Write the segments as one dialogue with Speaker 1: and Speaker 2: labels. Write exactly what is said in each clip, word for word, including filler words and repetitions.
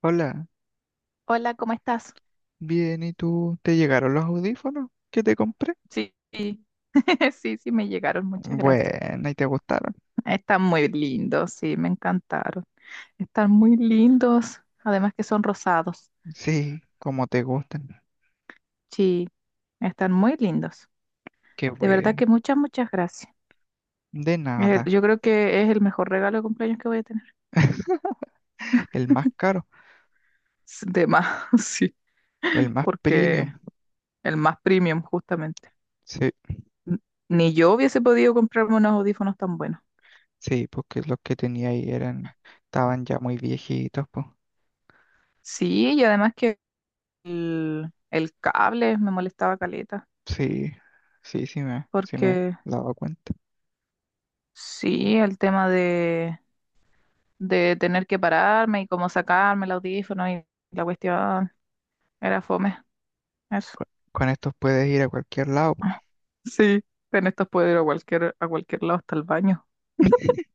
Speaker 1: Hola,
Speaker 2: Hola, ¿cómo estás?
Speaker 1: bien, ¿y tú? ¿Te llegaron los audífonos que te compré?
Speaker 2: Sí, sí, sí, sí, me llegaron, muchas gracias.
Speaker 1: Bueno, ¿y te gustaron?
Speaker 2: Están muy lindos, sí, me encantaron. Están muy lindos, además que son rosados.
Speaker 1: Sí, como te gustan.
Speaker 2: Sí, están muy lindos.
Speaker 1: Qué
Speaker 2: De verdad
Speaker 1: bueno.
Speaker 2: que muchas, muchas gracias.
Speaker 1: De
Speaker 2: Eh,
Speaker 1: nada.
Speaker 2: yo creo que es el mejor regalo de cumpleaños que voy a tener.
Speaker 1: El más caro,
Speaker 2: S- De más, sí,
Speaker 1: el más
Speaker 2: porque
Speaker 1: premium.
Speaker 2: el más premium, justamente.
Speaker 1: Sí,
Speaker 2: N- Ni yo hubiese podido comprarme unos audífonos tan buenos.
Speaker 1: sí, porque los que tenía ahí eran, estaban ya muy viejitos, pues.
Speaker 2: Sí, y además que el, el cable me molestaba caleta,
Speaker 1: Sí, sí, sí me, sí me he
Speaker 2: porque
Speaker 1: dado cuenta.
Speaker 2: sí, el tema de, de tener que pararme y cómo sacarme el audífono y la cuestión era fome. Eso.
Speaker 1: Con estos puedes ir a cualquier lado, po.
Speaker 2: Sí, en estos puedo ir a cualquier, a cualquier lado hasta el baño.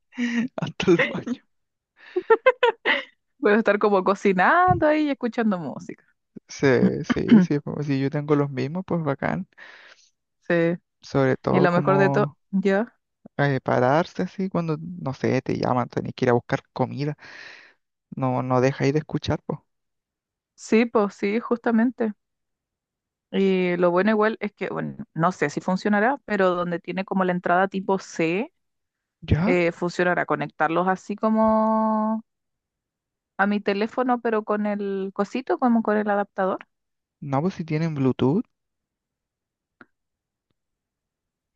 Speaker 1: Hasta el baño.
Speaker 2: Puedo estar como cocinando ahí y escuchando música.
Speaker 1: Sí, sí, sí, pues, si yo tengo los mismos, pues bacán.
Speaker 2: Sí,
Speaker 1: Sobre
Speaker 2: y
Speaker 1: todo
Speaker 2: lo mejor de todo,
Speaker 1: como
Speaker 2: ya.
Speaker 1: eh, pararse así cuando, no sé, te llaman, tenés que ir a buscar comida, no, no dejáis de escuchar, pues.
Speaker 2: Sí, pues sí, justamente. Y lo bueno igual es que, bueno, no sé si funcionará, pero donde tiene como la entrada tipo C,
Speaker 1: ¿Ya?
Speaker 2: eh, funcionará conectarlos así como a mi teléfono, pero con el cosito, como con el adaptador.
Speaker 1: No, pues si tienen Bluetooth,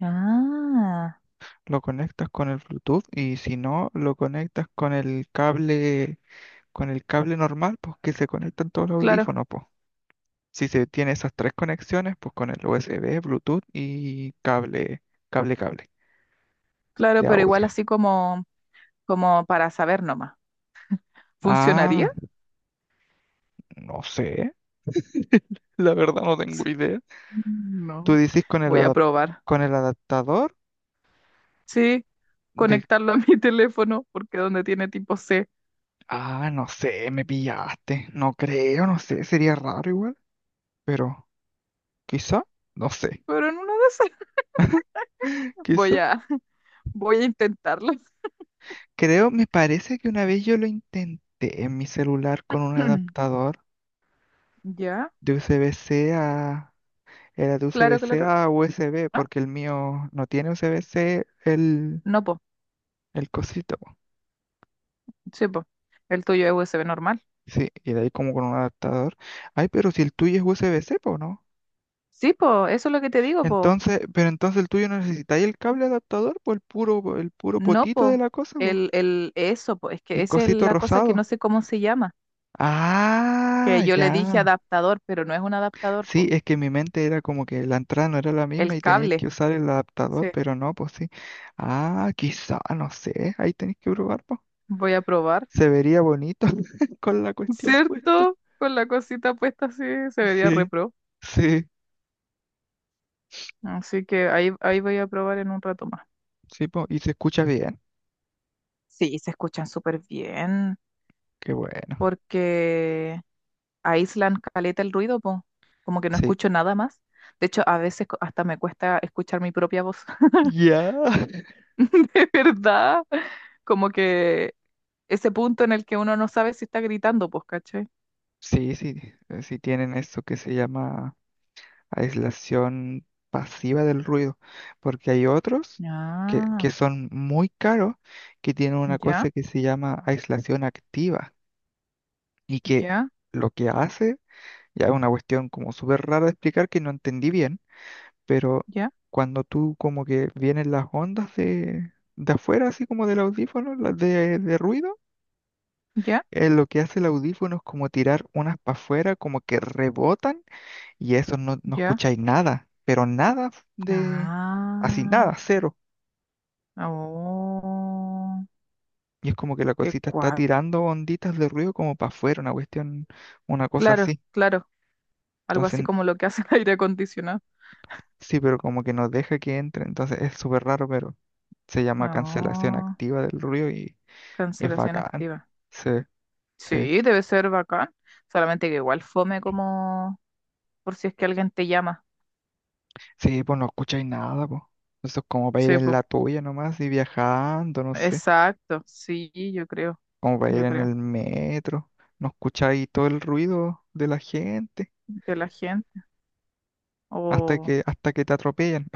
Speaker 2: Ah,
Speaker 1: lo conectas con el Bluetooth y si no, lo conectas con el cable, con el cable normal, pues que se conectan todos los
Speaker 2: claro,
Speaker 1: audífonos, pues. Si se tiene esas tres conexiones, pues con el U S B, Bluetooth y cable, cable, cable
Speaker 2: claro,
Speaker 1: de
Speaker 2: pero igual
Speaker 1: audio.
Speaker 2: así como, como para saber nomás. ¿Funcionaría?
Speaker 1: Ah, no sé, la verdad no tengo
Speaker 2: Sí.
Speaker 1: idea. Tú
Speaker 2: No,
Speaker 1: dices con el,
Speaker 2: voy a
Speaker 1: adap-
Speaker 2: probar.
Speaker 1: con el adaptador.
Speaker 2: Sí,
Speaker 1: Del
Speaker 2: conectarlo a mi teléfono, porque donde tiene tipo C,
Speaker 1: Ah, no sé, me pillaste. No creo, no sé, sería raro igual, pero quizá, no sé,
Speaker 2: pero en uno de esas voy
Speaker 1: quizá.
Speaker 2: a, voy a intentarlo.
Speaker 1: Creo, me parece que una vez yo lo intenté en mi celular con un adaptador
Speaker 2: Ya,
Speaker 1: de U S B-C a... Era de
Speaker 2: claro,
Speaker 1: U S B-C
Speaker 2: claro.
Speaker 1: a USB,
Speaker 2: No,
Speaker 1: porque el mío no tiene U S B-C el,
Speaker 2: no, po,
Speaker 1: el cosito.
Speaker 2: sí, po. El tuyo es U S B normal.
Speaker 1: Sí, y de ahí como con un adaptador. Ay, pero si el tuyo es U S B-C, pues no.
Speaker 2: Sí, po, eso es lo que te digo, po.
Speaker 1: Entonces, pero entonces el tuyo no necesitáis el cable adaptador, pues el puro, el puro
Speaker 2: No,
Speaker 1: potito de
Speaker 2: po,
Speaker 1: la cosa, pues.
Speaker 2: el, el, eso, po, es que
Speaker 1: El
Speaker 2: esa es
Speaker 1: cosito
Speaker 2: la cosa que
Speaker 1: rosado.
Speaker 2: no sé cómo se llama,
Speaker 1: Ah,
Speaker 2: que yo
Speaker 1: ya.
Speaker 2: le dije adaptador, pero no es un adaptador,
Speaker 1: Sí,
Speaker 2: po,
Speaker 1: es que mi mente era como que la entrada no era la misma
Speaker 2: el
Speaker 1: y tenía que
Speaker 2: cable.
Speaker 1: usar el
Speaker 2: Sí,
Speaker 1: adaptador, pero no, pues sí. Ah, quizá, no sé. Ahí tenéis que probar, pues.
Speaker 2: voy a probar,
Speaker 1: Se vería bonito con la cuestión puesta.
Speaker 2: ¿cierto? Con la cosita puesta así se vería
Speaker 1: Sí,
Speaker 2: repro.
Speaker 1: sí,
Speaker 2: Así que ahí, ahí voy a probar en un rato más.
Speaker 1: sí, po, y se escucha bien.
Speaker 2: Sí, se escuchan súper bien,
Speaker 1: Qué bueno.
Speaker 2: porque aíslan caleta el ruido, po, como que no
Speaker 1: Sí.
Speaker 2: escucho nada más. De hecho, a veces co- hasta me cuesta escuchar mi propia voz,
Speaker 1: Ya.
Speaker 2: de verdad como que ese punto en el que uno no sabe si está gritando, pues, ¿cachai?
Speaker 1: Sí, sí, eh, sí tienen eso que se llama aislación pasiva del ruido, porque hay otros que,
Speaker 2: Ah,
Speaker 1: que son muy caros, que tienen una
Speaker 2: ya,
Speaker 1: cosa que se llama aislación activa y que
Speaker 2: ya,
Speaker 1: lo que hace, ya es una cuestión como súper rara de explicar que no entendí bien, pero
Speaker 2: ya,
Speaker 1: cuando tú como que vienen las ondas de, de afuera, así como del audífono, las de, de ruido,
Speaker 2: ya,
Speaker 1: eh, lo que hace el audífono es como tirar unas para afuera, como que rebotan. Y eso no, no
Speaker 2: ya.
Speaker 1: escucháis nada, pero nada de, así
Speaker 2: Ah,
Speaker 1: nada, cero.
Speaker 2: oh,
Speaker 1: Y es como que la
Speaker 2: qué
Speaker 1: cosita está
Speaker 2: cual.
Speaker 1: tirando onditas de ruido como para afuera, una cuestión, una cosa
Speaker 2: Claro,
Speaker 1: así.
Speaker 2: claro, algo así
Speaker 1: Entonces,
Speaker 2: como lo que hace el aire acondicionado.
Speaker 1: sí, pero como que nos deja que entre. Entonces es súper raro, pero se llama cancelación
Speaker 2: Oh,
Speaker 1: activa del ruido y, y es
Speaker 2: cancelación
Speaker 1: bacán.
Speaker 2: activa.
Speaker 1: Sí, sí.
Speaker 2: Sí, debe ser bacán. Solamente que igual fome como por si es que alguien te llama.
Speaker 1: Sí, pues no escucháis nada, pues. Eso es como para ir
Speaker 2: Sí,
Speaker 1: en
Speaker 2: pues.
Speaker 1: la tuya nomás y viajando, no sé.
Speaker 2: Exacto, sí, yo creo,
Speaker 1: Como para ir
Speaker 2: yo
Speaker 1: en
Speaker 2: creo.
Speaker 1: el metro. No escucháis todo el ruido de la gente.
Speaker 2: De la gente.
Speaker 1: hasta
Speaker 2: Oh,
Speaker 1: que, hasta que te atropellan.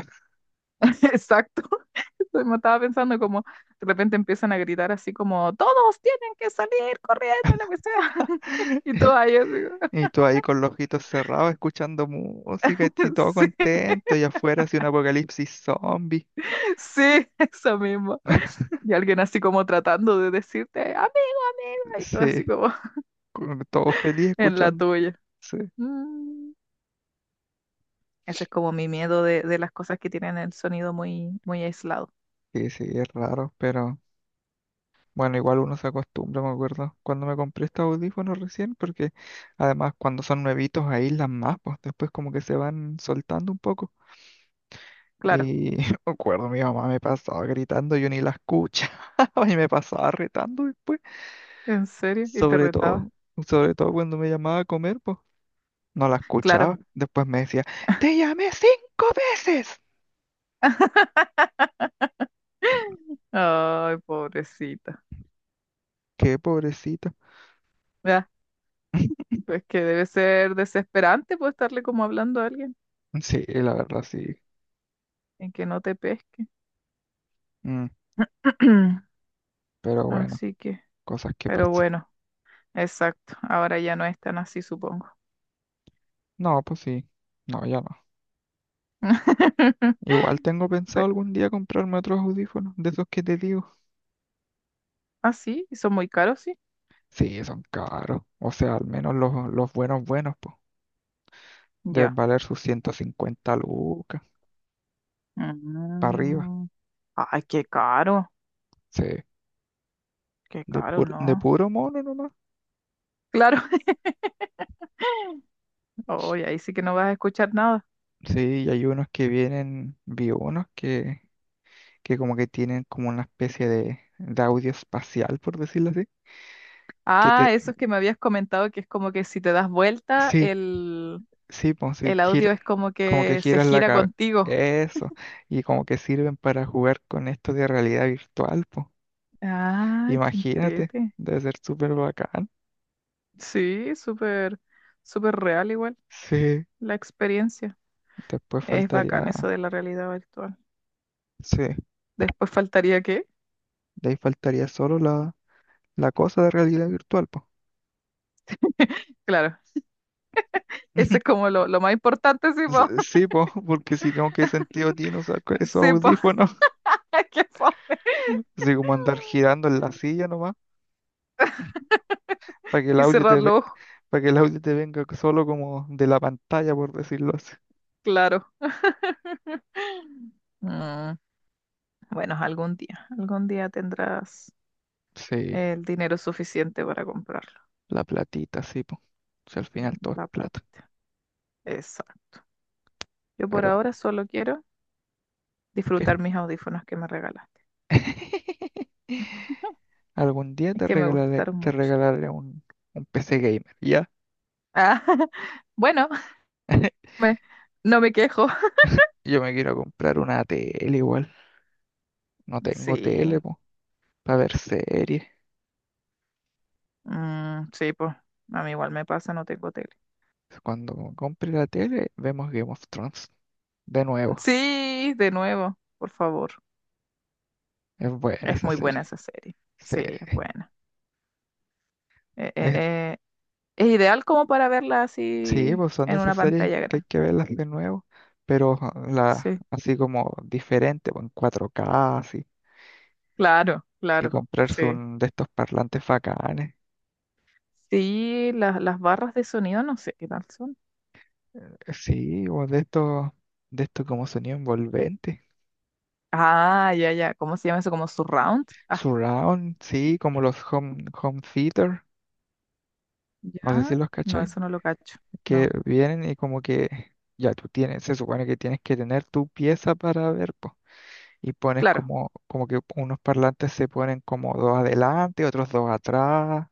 Speaker 2: exacto. Me estaba pensando como de repente empiezan a gritar así como, todos tienen que salir corriendo y la cuestión. Y todo ahí así,
Speaker 1: Y tú ahí con los ojitos cerrados escuchando música, y todo
Speaker 2: sí,
Speaker 1: contento, y afuera así un apocalipsis zombie.
Speaker 2: sí, eso mismo. Y alguien así como tratando de decirte, amigo, amiga, y todo
Speaker 1: Sí,
Speaker 2: así como
Speaker 1: con- todo feliz
Speaker 2: en la
Speaker 1: escuchando.
Speaker 2: tuya.
Speaker 1: Sí,
Speaker 2: Mm, Ese es como mi miedo de, de las cosas que tienen el sonido muy, muy aislado.
Speaker 1: sí, sí, es raro, pero bueno, igual uno se acostumbra, me acuerdo. Cuando me compré estos audífonos recién, porque además cuando son nuevitos aíslan más, pues después como que se van soltando un poco.
Speaker 2: Claro.
Speaker 1: Y me acuerdo, mi mamá me pasaba gritando, yo ni la escuchaba y me pasaba retando.
Speaker 2: ¿En serio? ¿Y te
Speaker 1: Sobre
Speaker 2: retaba?
Speaker 1: todo, sobre todo cuando me llamaba a comer, pues no la
Speaker 2: Claro.
Speaker 1: escuchaba. Después me decía, te llamé cinco veces. Mm.
Speaker 2: Ay, pobrecita.
Speaker 1: Qué pobrecita.
Speaker 2: Pues que debe ser desesperante pues estarle como hablando a alguien
Speaker 1: Sí, la verdad sí.
Speaker 2: en que no te pesque.
Speaker 1: Mm, pero bueno,
Speaker 2: Así que,
Speaker 1: cosas que
Speaker 2: pero
Speaker 1: pasan.
Speaker 2: bueno, exacto. Ahora ya no es tan así, supongo.
Speaker 1: No, pues sí. No, ya no. Igual tengo
Speaker 2: Ve-
Speaker 1: pensado algún día comprarme otros audífonos, de esos que te digo.
Speaker 2: Ah, sí, son muy caros, sí.
Speaker 1: Sí, son caros. O sea, al menos los, los buenos, buenos, pues. Deben
Speaker 2: Ya.
Speaker 1: valer sus ciento cincuenta lucas, para arriba.
Speaker 2: Mm. Ay, qué caro,
Speaker 1: Sí,
Speaker 2: qué
Speaker 1: de,
Speaker 2: caro,
Speaker 1: pur- de
Speaker 2: no.
Speaker 1: puro mono nomás.
Speaker 2: Claro, oye, ahí sí que no vas a escuchar nada.
Speaker 1: Sí, y hay unos que vienen, vi unos que, que como que tienen como una especie de, de audio espacial, por decirlo así. Que te,
Speaker 2: Ah, eso es que me habías comentado que es como que si te das vuelta,
Speaker 1: sí,
Speaker 2: el,
Speaker 1: sí, pues sí,
Speaker 2: el
Speaker 1: gira,
Speaker 2: audio es como
Speaker 1: como que
Speaker 2: que se
Speaker 1: giras la
Speaker 2: gira
Speaker 1: cabeza,
Speaker 2: contigo.
Speaker 1: eso, y como que sirven para jugar con esto de realidad virtual, pues.
Speaker 2: Ay, qué
Speaker 1: Imagínate,
Speaker 2: entrete.
Speaker 1: debe ser súper bacán.
Speaker 2: Sí, súper, súper real igual
Speaker 1: Sí,
Speaker 2: la experiencia.
Speaker 1: después
Speaker 2: Es
Speaker 1: faltaría,
Speaker 2: bacán eso de la realidad virtual.
Speaker 1: sí,
Speaker 2: Después faltaría que,
Speaker 1: de ahí faltaría solo la, la cosa de realidad virtual, pues.
Speaker 2: claro, eso es como lo, lo más importante, sí, po.
Speaker 1: Sí, pues, porque si no, ¿qué sentido tiene usar con esos
Speaker 2: Sí, po.
Speaker 1: audífonos?
Speaker 2: Qué fome.
Speaker 1: Así como andar girando en la silla nomás, para que el
Speaker 2: Y
Speaker 1: audio
Speaker 2: cerrar
Speaker 1: te, ve-
Speaker 2: los ojos,
Speaker 1: para que el audio te venga solo como de la pantalla, por decirlo así.
Speaker 2: claro. Mm, bueno, algún día, algún día tendrás
Speaker 1: Sí,
Speaker 2: el dinero suficiente para comprarlo.
Speaker 1: la platita, sí, po. Si al final todo es
Speaker 2: La
Speaker 1: plata.
Speaker 2: plata. Exacto. Yo por
Speaker 1: Pero,
Speaker 2: ahora solo quiero disfrutar
Speaker 1: ¿qué?
Speaker 2: mis audífonos que me regalas.
Speaker 1: Algún día
Speaker 2: Es
Speaker 1: te
Speaker 2: que me
Speaker 1: regalaré,
Speaker 2: gustaron
Speaker 1: te
Speaker 2: mucho.
Speaker 1: regalaré un, un P C gamer, ¿ya?
Speaker 2: Ah, bueno, no me quejo.
Speaker 1: Yo me quiero comprar una tele igual. No tengo
Speaker 2: Sí,
Speaker 1: tele, po, para ver series.
Speaker 2: mm, sí, pues a mí igual me pasa, no tengo tele.
Speaker 1: Cuando me compre la tele, vemos Game of Thrones de nuevo.
Speaker 2: Sí, de nuevo, por favor.
Speaker 1: Es buena
Speaker 2: Es
Speaker 1: esa
Speaker 2: muy
Speaker 1: serie.
Speaker 2: buena esa serie.
Speaker 1: Sí,
Speaker 2: Sí, es buena. Eh, eh,
Speaker 1: es.
Speaker 2: eh, es ideal como para verla
Speaker 1: Sí,
Speaker 2: así
Speaker 1: pues son de
Speaker 2: en una
Speaker 1: esas series
Speaker 2: pantalla
Speaker 1: que hay
Speaker 2: grande.
Speaker 1: que verlas de nuevo, pero ah, la,
Speaker 2: Sí,
Speaker 1: así como diferente, pues, en cuatro ka, así,
Speaker 2: claro,
Speaker 1: y
Speaker 2: claro,
Speaker 1: comprarse
Speaker 2: sí.
Speaker 1: un de estos parlantes bacanes.
Speaker 2: Sí, la- las barras de sonido no sé qué tal son.
Speaker 1: Eh, Sí, o de estos, de estos como sonido envolvente.
Speaker 2: Ah, ya, ya. ¿Cómo se llama eso? ¿Como surround? Ah,
Speaker 1: Surround, sí, como los home, home theater, no sé si
Speaker 2: ya.
Speaker 1: los
Speaker 2: No,
Speaker 1: cacháis,
Speaker 2: eso no lo cacho.
Speaker 1: que
Speaker 2: No.
Speaker 1: vienen y como que ya tú tienes, se supone que tienes que tener tu pieza para ver, pues, y pones
Speaker 2: Claro.
Speaker 1: como, como, que unos parlantes se ponen como dos adelante, otros dos atrás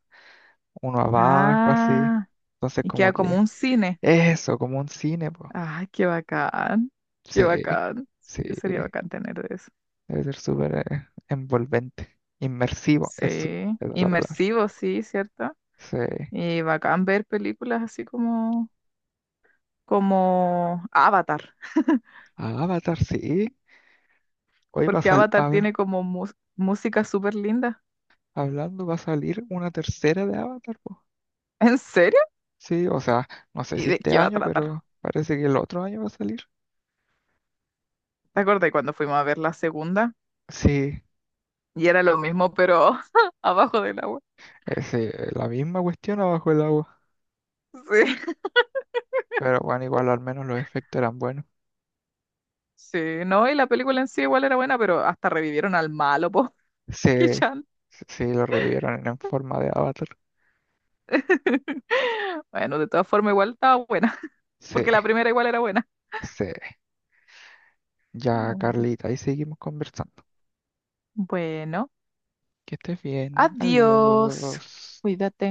Speaker 1: uno abajo, así.
Speaker 2: Ah,
Speaker 1: Entonces,
Speaker 2: y queda
Speaker 1: como
Speaker 2: como
Speaker 1: que
Speaker 2: un cine.
Speaker 1: eso, como un cine, pues.
Speaker 2: Ay, qué bacán, qué
Speaker 1: Sí,
Speaker 2: bacán.
Speaker 1: sí,
Speaker 2: Sí, sería bacán tener de eso.
Speaker 1: debe ser súper eh, envolvente, inmersivo,
Speaker 2: Sí,
Speaker 1: eso, esa es la palabra.
Speaker 2: inmersivo, sí, ¿cierto?
Speaker 1: Sí,
Speaker 2: Y bacán ver películas así como, como Avatar,
Speaker 1: Avatar, sí. Hoy va a
Speaker 2: porque
Speaker 1: salir,
Speaker 2: Avatar tiene como mus- música súper linda.
Speaker 1: hablando, va a salir una tercera de Avatar, pues.
Speaker 2: ¿En serio?
Speaker 1: Sí, o sea, no sé
Speaker 2: ¿Y
Speaker 1: si
Speaker 2: de
Speaker 1: este
Speaker 2: qué va a
Speaker 1: año,
Speaker 2: tratar?
Speaker 1: pero parece que el otro año va a salir.
Speaker 2: ¿Te acordás cuando fuimos a ver la segunda?
Speaker 1: Sí,
Speaker 2: Y era lo mismo, pero abajo del agua.
Speaker 1: es, eh, sí, la misma cuestión abajo el agua.
Speaker 2: Sí.
Speaker 1: Pero bueno, igual al menos los efectos eran buenos.
Speaker 2: Sí, no, y la película en sí igual era buena, pero hasta revivieron al malo, po.
Speaker 1: Sí,
Speaker 2: Qué chanta.
Speaker 1: sí, lo revivieron en forma de avatar.
Speaker 2: Bueno, de todas formas, igual estaba buena,
Speaker 1: Sí,
Speaker 2: porque la primera igual era buena.
Speaker 1: sí. Ya,
Speaker 2: Mm,
Speaker 1: Carlita, ahí seguimos conversando.
Speaker 2: Bueno,
Speaker 1: Que estés bien.
Speaker 2: adiós.
Speaker 1: Adiós.
Speaker 2: Cuídate.